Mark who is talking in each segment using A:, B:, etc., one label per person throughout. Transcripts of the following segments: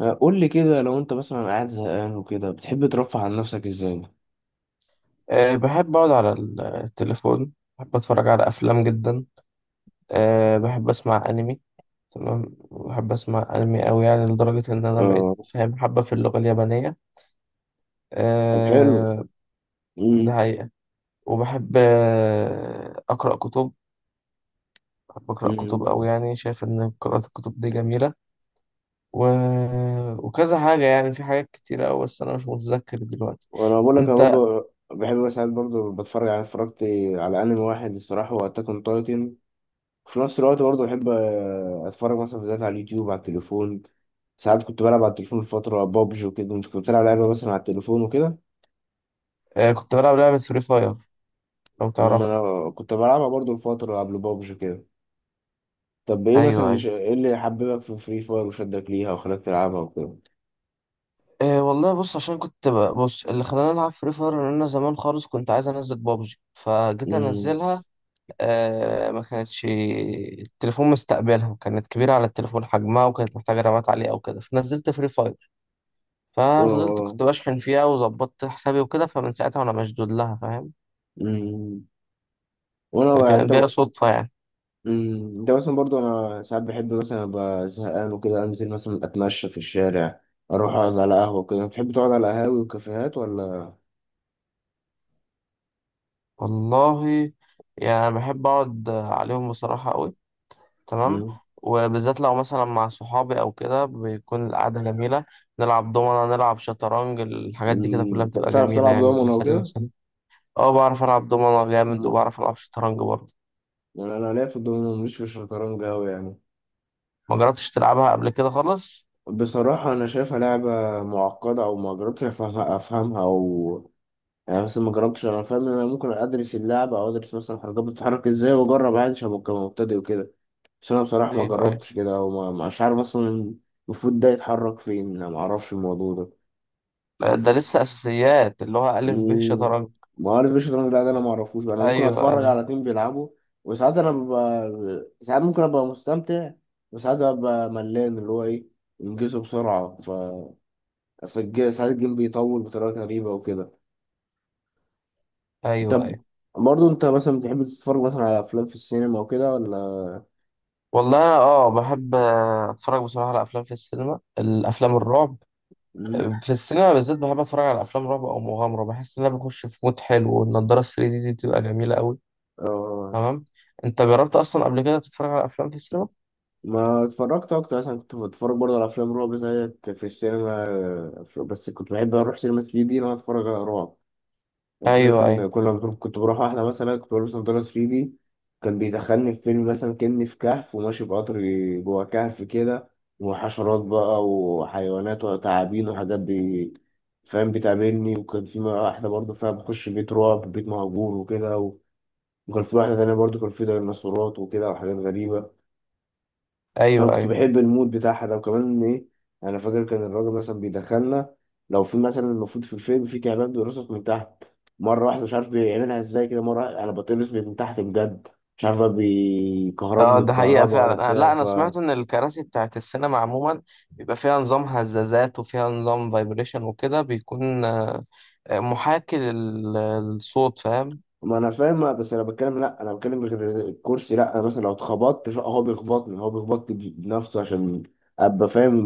A: قول لي كده لو انت مثلا قاعد زهقان وكده بتحب ترفه عن نفسك ازاي؟
B: أه، بحب أقعد على التليفون. بحب أتفرج على أفلام جدا. أه، بحب أسمع أنمي. تمام. بحب أسمع أنمي أوي، يعني لدرجة إن أنا بقيت
A: آه.
B: فاهم حبة في اللغة اليابانية.
A: طب حلو.
B: أه. ده
A: امم
B: حقيقة. وبحب أقرأ كتب. بحب أقرأ كتب
A: امم
B: أوي، يعني شايف إن قراءة الكتب دي جميلة. و... وكذا حاجة، يعني في حاجات كتيرة أوي، بس أنا مش متذكر دلوقتي.
A: وانا بقول لك انا
B: أنت.
A: برضو بحب مثلا برضو بتفرج على اتفرجت على انمي واحد الصراحه هو اتاك اون تايتن. في نفس الوقت برضو بحب اتفرج مثلا فيديوهات على اليوتيوب على التليفون. ساعات كنت بلعب على التليفون فتره بابجي وكده. انت كنت بلعب لعبه مثلا على التليفون وكده؟
B: أه، كنت بلعب لعبة فري فاير، لو
A: ما
B: تعرفها.
A: انا كنت بلعبها برضو لفتره قبل بابجي كده. طب ايه مثلا
B: أيوه،
A: اللي
B: أيوه.
A: إيه اللي حببك في فري فاير وشدك ليها وخلاك تلعبها وكده؟
B: إيه، والله بص، عشان كنت بص اللي خلاني العب فري فاير ان انا زمان خالص كنت عايز انزل بابجي فجيت
A: امم
B: انزلها. آه، ما كانتش التليفون مستقبلها، كانت كبيره على التليفون حجمها، وكانت محتاجه رامات عاليه او كده، فنزلت فري فاير. ففضلت
A: اه.
B: كنت بشحن فيها وظبطت حسابي وكده، فمن ساعتها وانا مشدود لها، فاهم.
A: امم وانا انت.
B: فكانت جايه صدفه يعني.
A: انت مثلا برضو انا ساعات بحب مثلا ابقى زهقان وكده انزل مثلا اتمشى في الشارع اروح اقعد على قهوه كده. بتحب تقعد على قهاوي وكافيهات ولا؟
B: والله، يعني بحب اقعد عليهم بصراحه قوي. تمام.
A: امم
B: وبالذات لو مثلا مع صحابي او كده بيكون القعده جميله، نلعب دومنه، نلعب شطرنج، الحاجات دي كده
A: أمم.
B: كلها
A: أنت
B: بتبقى
A: بتعرف
B: جميله،
A: تلعب
B: يعني
A: دومنه
B: بنسلي
A: وكده؟
B: نفسنا. اه، بعرف العب دومنه جامد،
A: ما-
B: وبعرف العب شطرنج برضه.
A: يعني انا ليا في الدومنه مش في الشطرنج قوي يعني.
B: ما جربتش تلعبها قبل كده خالص؟
A: بصراحه انا شايفها لعبه معقده او ما جربتش افهمها او يعني مثلا ما جربتش. انا فاهم ان انا ممكن ادرس اللعبه او ادرس مثلا الحركات بتتحرك ازاي واجرب عادي عشان ابقى مبتدئ وكده. بس انا بصراحه ما
B: ايوه، ايوه.
A: جربتش كده وما مش عارف اصلا المفروض ده يتحرك فين. انا ما اعرفش الموضوع ده.
B: لا، ده لسه اساسيات اللي هو الف ب
A: مم.
B: شطرنج.
A: ما عارف ايش الشطرنج ده, ده انا ما اعرفوش بقى. انا ممكن
B: ايوه،
A: اتفرج
B: ايوه.
A: على اتنين بيلعبوا وساعات انا ببقى ساعات ممكن ابقى مستمتع. وساعات ابقى ملان اللي هو ايه انجزه بسرعة ف أصل ساعات الجيم بيطول بطريقة غريبة وكده.
B: ايوه،
A: طب
B: ايوه.
A: برضه انت مثلا بتحب تتفرج مثلا على افلام في السينما وكده ولا؟
B: والله، أنا بحب اتفرج بصراحه على افلام في السينما، الافلام الرعب.
A: مم.
B: في السينما بالذات بحب اتفرج على افلام رعب او مغامره، بحس ان انا بخش في مود حلو، والنضاره 3 دي دي بتبقى جميله قوي.
A: اه
B: تمام. انت جربت اصلا قبل كده تتفرج على افلام في السينما؟
A: ما اتفرجت اكتر مثلا كنت بتفرج برضه على افلام رعب زيك في السينما، بس كنت بحب اروح سينما 3 دي ان انا اتفرج على رعب. يعني فكرة
B: ايوه. ايوه،
A: كنت بروح واحدة مثلا كنت بلبس نضارة 3 دي كان بيدخلني في فيلم مثلا كأني في كهف وماشي بقطر جوه كهف كده. وحشرات بقى وحيوانات وتعابين وحاجات بي فاهم بتقابلني. وكان في واحدة برضه فيها بخش بيت رعب بيت مهجور وكده وكان في واحدة تانية برضه كان في ديناصورات وكده وحاجات غريبة. فانا
B: ايوه.
A: كنت
B: ايوه.
A: بحب المود بتاعها ده وكمان ايه. انا فاكر كان الراجل مثلا بيدخلنا لو في مثلا المفروض في الفيلم في تعبان بيرقصك من تحت. مره واحده مش عارف بيعملها ازاي كده مره واحدة انا بتقرص من تحت بجد. مش عارف بقى
B: اه،
A: بيكهربني
B: ده حقيقه
A: بكهرباء ولا
B: فعلا.
A: بتاع
B: لا،
A: ف.
B: انا سمعت ان الكراسي بتاعت السينما عموما بيبقى فيها نظام هزازات، وفيها نظام فايبريشن، وكده بيكون محاكي للصوت، فاهم.
A: ما انا فاهم بس انا بتكلم غير الكرسي. لا انا مثلا لو اتخبطت لا، هو بيخبطني بنفسه عشان ابقى فاهم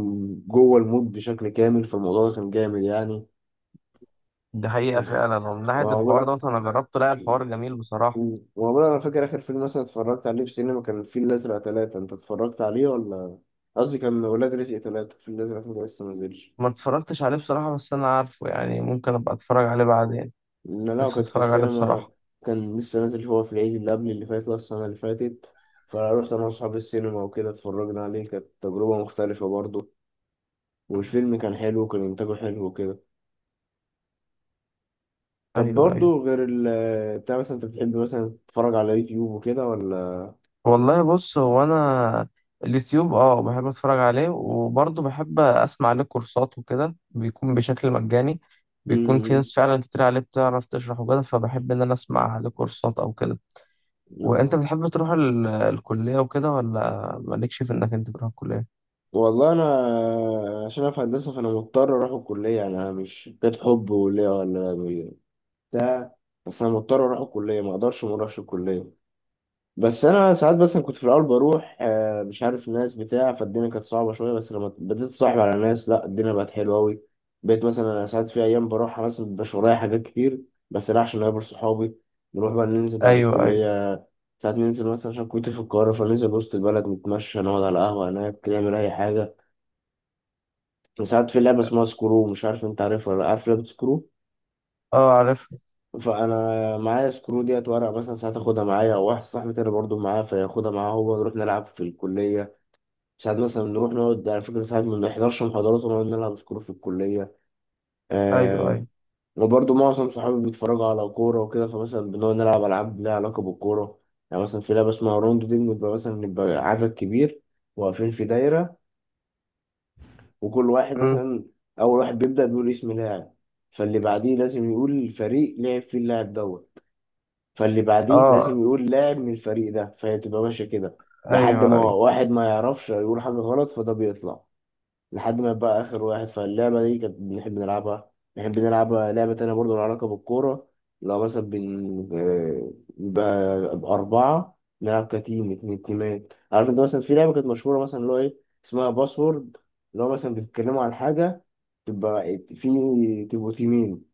A: جوه المود بشكل كامل فالموضوع ده كان جامد يعني.
B: ده حقيقه فعلا، ومن ناحيه
A: وأقول
B: الحوار
A: لك
B: ده انا جربته، لا الحوار جميل بصراحه.
A: مم. والله انا فاكر اخر فيلم مثلا اتفرجت عليه في السينما كان الفيل الازرق ثلاثة. انت اتفرجت عليه ولا؟ قصدي كان ولاد رزق ثلاثة. الفيل الازرق ثلاثة لسه ما نزلش.
B: ما اتفرجتش عليه بصراحة، بس أنا عارفه، يعني ممكن أبقى أتفرج عليه بعدين.
A: إن انا لو
B: نفسي
A: كنت في
B: أتفرج عليه
A: السينما
B: بصراحة.
A: كان لسه نازل هو في العيد اللي قبل اللي فات ولا السنة اللي فاتت. فروحت انا واصحابي السينما وكده اتفرجنا عليه كانت تجربة مختلفة برضه.
B: مم.
A: والفيلم كان حلو وكان انتاجه حلو وكده. طب
B: أيوه، أيوه.
A: برضه غير ال بتاع مثلا انت بتحب مثلا تتفرج على يوتيوب وكده ولا؟
B: والله بص، هو أنا اليوتيوب بحب أتفرج عليه، وبرضه بحب أسمع عليه كورسات، وكده بيكون بشكل مجاني. بيكون في ناس فعلا كتير عليه بتعرف تشرح وكده، فبحب إن أنا أسمع عليه كورسات أو كده. وأنت
A: مم.
B: بتحب تروح الكلية وكده، ولا مالكش في إنك أنت تروح الكلية؟
A: والله انا عشان أنا في هندسه فانا مضطر اروح الكليه. يعني انا مش كانت حب ولا بتاع. بس انا مضطر اروح الكليه ما اقدرش ما اروحش الكليه. بس انا ساعات كنت في الاول بروح، مش عارف الناس بتاع فالدنيا كانت صعبه شويه. بس لما بديت اتصاحب على ناس لا الدنيا بقت حلوه قوي. بقيت مثلا انا ساعات في ايام بروحها مثلا مبيبقاش ورايا حاجات كتير. بس لا عشان اقابل صحابي نروح بقى ننزل بعد
B: أيوه، أيوه.
A: الكليه. ساعات ننزل مثلا عشان كنت في القاهره فننزل وسط البلد نتمشى نقعد على قهوه هناك نعمل اي حاجه. ساعات في لعبة اسمها سكرو. مش عارف انت عارفها ولا لأ. عارف لعبة سكرو؟
B: أه، عارف.
A: فانا معايا سكرو ديت ورق مثلا ساعات اخدها معايا او واحد صاحبي تاني برضه معاه فياخدها معاه هو نروح نلعب في الكلية. ساعات مثلا نروح نقعد على فكرة ساعات ما بنحضرش محاضرات ونقعد نلعب سكرو في الكلية.
B: أيوه،
A: آه.
B: أيوه.
A: وبرضه معظم صحابي بيتفرجوا على كورة وكده فمثلا بنقعد نلعب ألعاب لها علاقة بالكورة. يعني مثلا في لعبة اسمها روندو دي بنبقى مثلا نبقى عدد كبير واقفين في دايرة. وكل واحد
B: أمم.
A: مثلا اول واحد بيبدا بيقول اسم لاعب. فاللي بعديه لازم يقول الفريق لعب فيه اللاعب دوت. فاللي بعديه لازم
B: أه.
A: يقول لاعب من الفريق ده فهي تبقى ماشيه كده. لحد ما
B: أيوه، أيوه.
A: واحد ما يعرفش يقول حاجه غلط فده بيطلع لحد ما بقى آخر واحد. فاللعبة دي كانت بنحب نلعبها. نحب نلعب لعبة تانية برضه لها علاقة بالكورة. لو مثلا بن آه، يبقى أربعة نلعب كتيم اتنين تيمات. عارف أنت مثلا في لعبة كانت مشهورة مثلا اللي هو إيه اسمها باسورد اللي هو مثلا بيتكلموا عن حاجة تبقى في تبقوا تيمين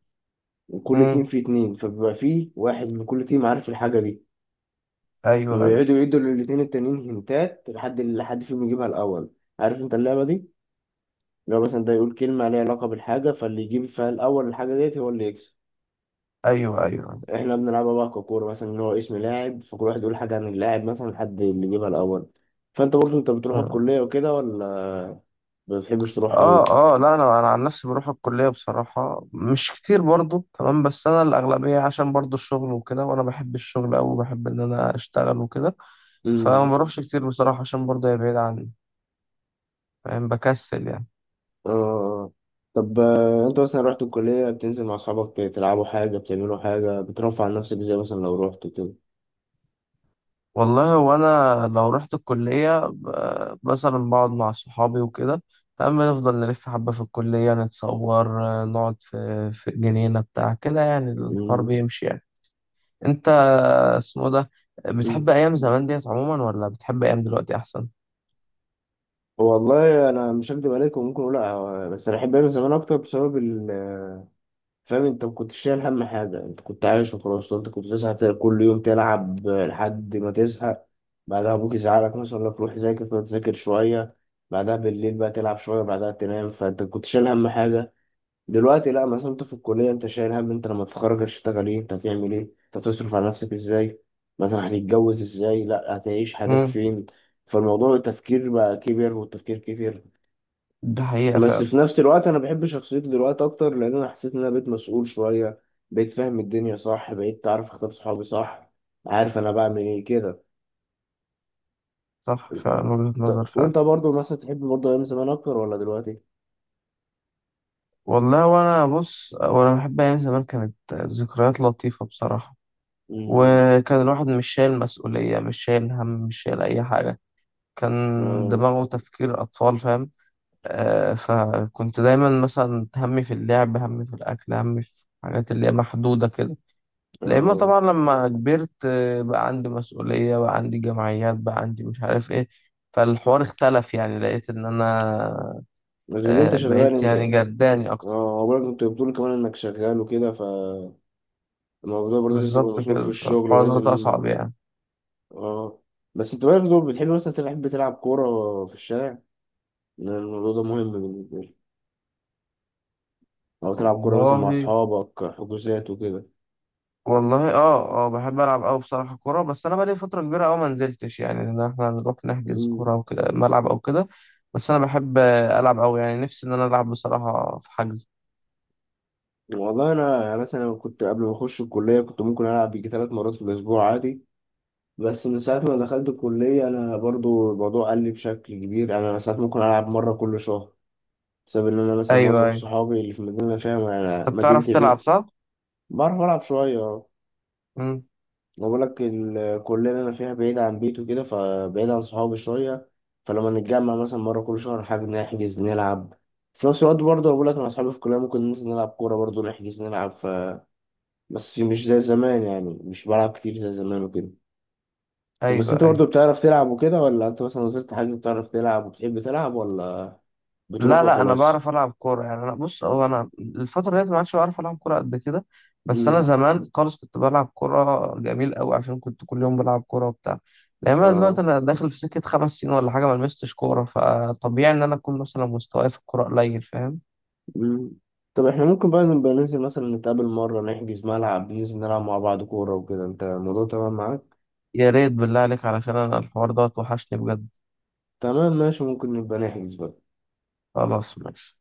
A: وكل
B: أمم.
A: تيم فيه اتنين فبيبقى فيه واحد من كل تيم عارف الحاجة دي.
B: ايوه، ايوه.
A: ويقعدوا يدوا للاتنين التانيين هنتات لحد اللي حد فيهم يجيبها الأول. عارف أنت اللعبة دي؟ لو مثلا ده يقول كلمة ليها علاقة بالحاجة فاللي يجيب فيها الأول الحاجة ديت هو اللي يكسب.
B: ايوه، ايوه. أيوة.
A: احنا بنلعبها بقى ككورة مثلا إن هو اسم لاعب فكل واحد يقول حاجة عن اللاعب مثلا لحد اللي يجيبها الأول. فأنت برضه أنت بتروح الكلية وكده ولا ما بتحبش تروح أوي؟
B: اه، اه، لا، انا عن نفسي بروح الكليه بصراحه مش كتير برضو، تمام، بس انا الاغلبيه عشان برضو الشغل وكده، وانا بحب الشغل أوي، وبحب ان انا اشتغل وكده. فما
A: أمم،
B: بروحش كتير بصراحه، عشان برضو هي بعيده عني، فاهم، بكسل يعني.
A: آه. طب أنت مثلا رحت الكلية بتنزل مع أصحابك تلعبوا حاجة بتعملوا حاجة بترفع عن نفسك إزاي مثلا لو رحت كده؟
B: والله، وانا لو رحت الكليه مثلا بقعد مع صحابي وكده، تمام، نفضل نلف حبه في الكليه، نتصور، نقعد في جنينه بتاع كده، يعني الحوار
A: أمم،
B: بيمشي يعني. انت اسمه ده بتحب
A: أمم.
B: ايام زمان ديت عموما، ولا بتحب ايام دلوقتي احسن؟
A: والله أنا مش هكدب عليكم ممكن أقول لأ بس أنا أحب أعمل زمان أكتر بسبب ال فاهم انت ما كنتش شايل هم حاجه انت كنت عايش وخلاص. لو انت كنت تزهق كل يوم تلعب لحد ما تزهق بعدها ابوك يزعلك مثلا يقول لك روح ذاكر فتذاكر شويه بعدها بالليل بقى تلعب شويه بعدها تنام فانت كنت شايل هم حاجه. دلوقتي لا مثلا انت في الكليه انت شايل هم انت لما تتخرج هتشتغل ايه انت هتعمل ايه انت هتصرف على نفسك ازاي مثلا هتتجوز ازاي لا هتعيش حياتك
B: امم.
A: فين. فالموضوع التفكير بقى كبر والتفكير كتير.
B: ده حقيقة
A: بس
B: فعلا.
A: في نفس الوقت انا بحب شخصيتي دلوقتي اكتر لان انا حسيت ان انا بقيت مسؤول شويه. بقيت فاهم الدنيا صح بقيت عارف اختار صحابي صح عارف انا بعمل ايه كده.
B: صح، فعلا وجهة
A: طب
B: نظر فعلا.
A: وانت برضو مثلا تحب برضو ايام زمان اكتر ولا دلوقتي؟
B: والله، وانا بص، وانا بحب ايام زمان، كانت ذكريات لطيفة بصراحة.
A: امم
B: وكان الواحد مش شايل مسؤولية، مش شايل هم، مش شايل اي حاجة. كان
A: اه
B: دماغه تفكير اطفال، فاهم. آه، فكنت دايما مثلا همي في اللعب، همي في الاكل، همي في حاجات اللي هي محدودة كده. لأن
A: اه.
B: طبعا لما كبرت بقى عندي مسؤولية، بقى عندي جمعيات، بقى عندي مش عارف ايه. فالحوار اختلف، يعني لقيت ان انا
A: غير إن انت شغال
B: بقيت
A: انت.
B: يعني جداني اكتر.
A: اه برضه انت بتقول كمان انك شغال وكده فالموضوع برضه لازم تبقى
B: بالظبط
A: مسؤول في
B: كده،
A: الشغل
B: فالحوار ده
A: ولازم.
B: اصعب يعني.
A: اه بس انت برضه بتحب مثلا تلعب بتلعب كوره في الشارع لأن الموضوع ده مهم بالنسبه لي؟ أو تلعب كورة مثلا مع
B: والله
A: أصحابك حجوزات وكده؟
B: والله اه، اه، بحب العب قوي بصراحة كورة، بس انا بقالي فترة كبيرة قوي ما نزلتش، يعني ان احنا نروح نحجز
A: مم.
B: كورة او كده ملعب او كده. بس انا بحب العب قوي، يعني نفسي ان انا العب بصراحة في حجز.
A: والله أنا يعني مثلا كنت قبل ما أخش الكلية كنت ممكن ألعب يجي 3 مرات في الأسبوع عادي. بس من ساعة ما دخلت الكلية أنا برضو الموضوع قل لي بشكل كبير. أنا ساعات ممكن ألعب مرة كل شهر بسبب إن أنا مثلا
B: ايوه،
A: معظم
B: ايوه.
A: صحابي اللي في المدينة اللي أنا فيها يعني
B: انت بتعرف
A: مدينتي
B: تلعب
A: بيه.
B: صح؟
A: بعرف ألعب شوية.
B: امم.
A: بقول لك الكلية اللي أنا فيها بعيدة عن بيته وكده فبعيد عن صحابي شوية. فلما نتجمع مثلا مرة كل شهر حاجة نحجز نلعب. في نفس الوقت برضه بقول لك أنا أصحابي في الكلية ممكن ننزل نلعب كورة برضه نحجز نلعب. بس مش زي زمان يعني مش بلعب كتير زي زمان وكده. بس
B: ايوه،
A: أنت
B: ايوه.
A: برضه بتعرف تلعب وكده ولا أنت مثلا نزلت حاجة بتعرف تلعب وبتحب تلعب ولا بتروح
B: لا، لا، انا
A: وخلاص؟
B: بعرف العب كوره، يعني انا بص، هو انا الفتره ديت ما عادش بعرف العب كوره قد كده. بس انا
A: مم.
B: زمان خالص كنت بلعب كوره جميل قوي، عشان كنت كل يوم بلعب كوره وبتاع. لان انا دلوقتي
A: آه.
B: انا داخل في سكه 5 سنين ولا حاجه ما لمستش كوره، فطبيعي ان انا اكون مثلا مستواي في الكوره قليل، فاهم.
A: مم. طب احنا ممكن بقى نبقى ننزل مثلا نتقابل مرة نحجز ملعب ننزل نلعب مع بعض كورة وكده أنت الموضوع تمام معاك؟
B: يا ريت بالله عليك، علشان انا الحوار ده وحشني بجد.
A: تمام ماشي ممكن نبقى نحجز بقى.
B: خلاص، ماشي.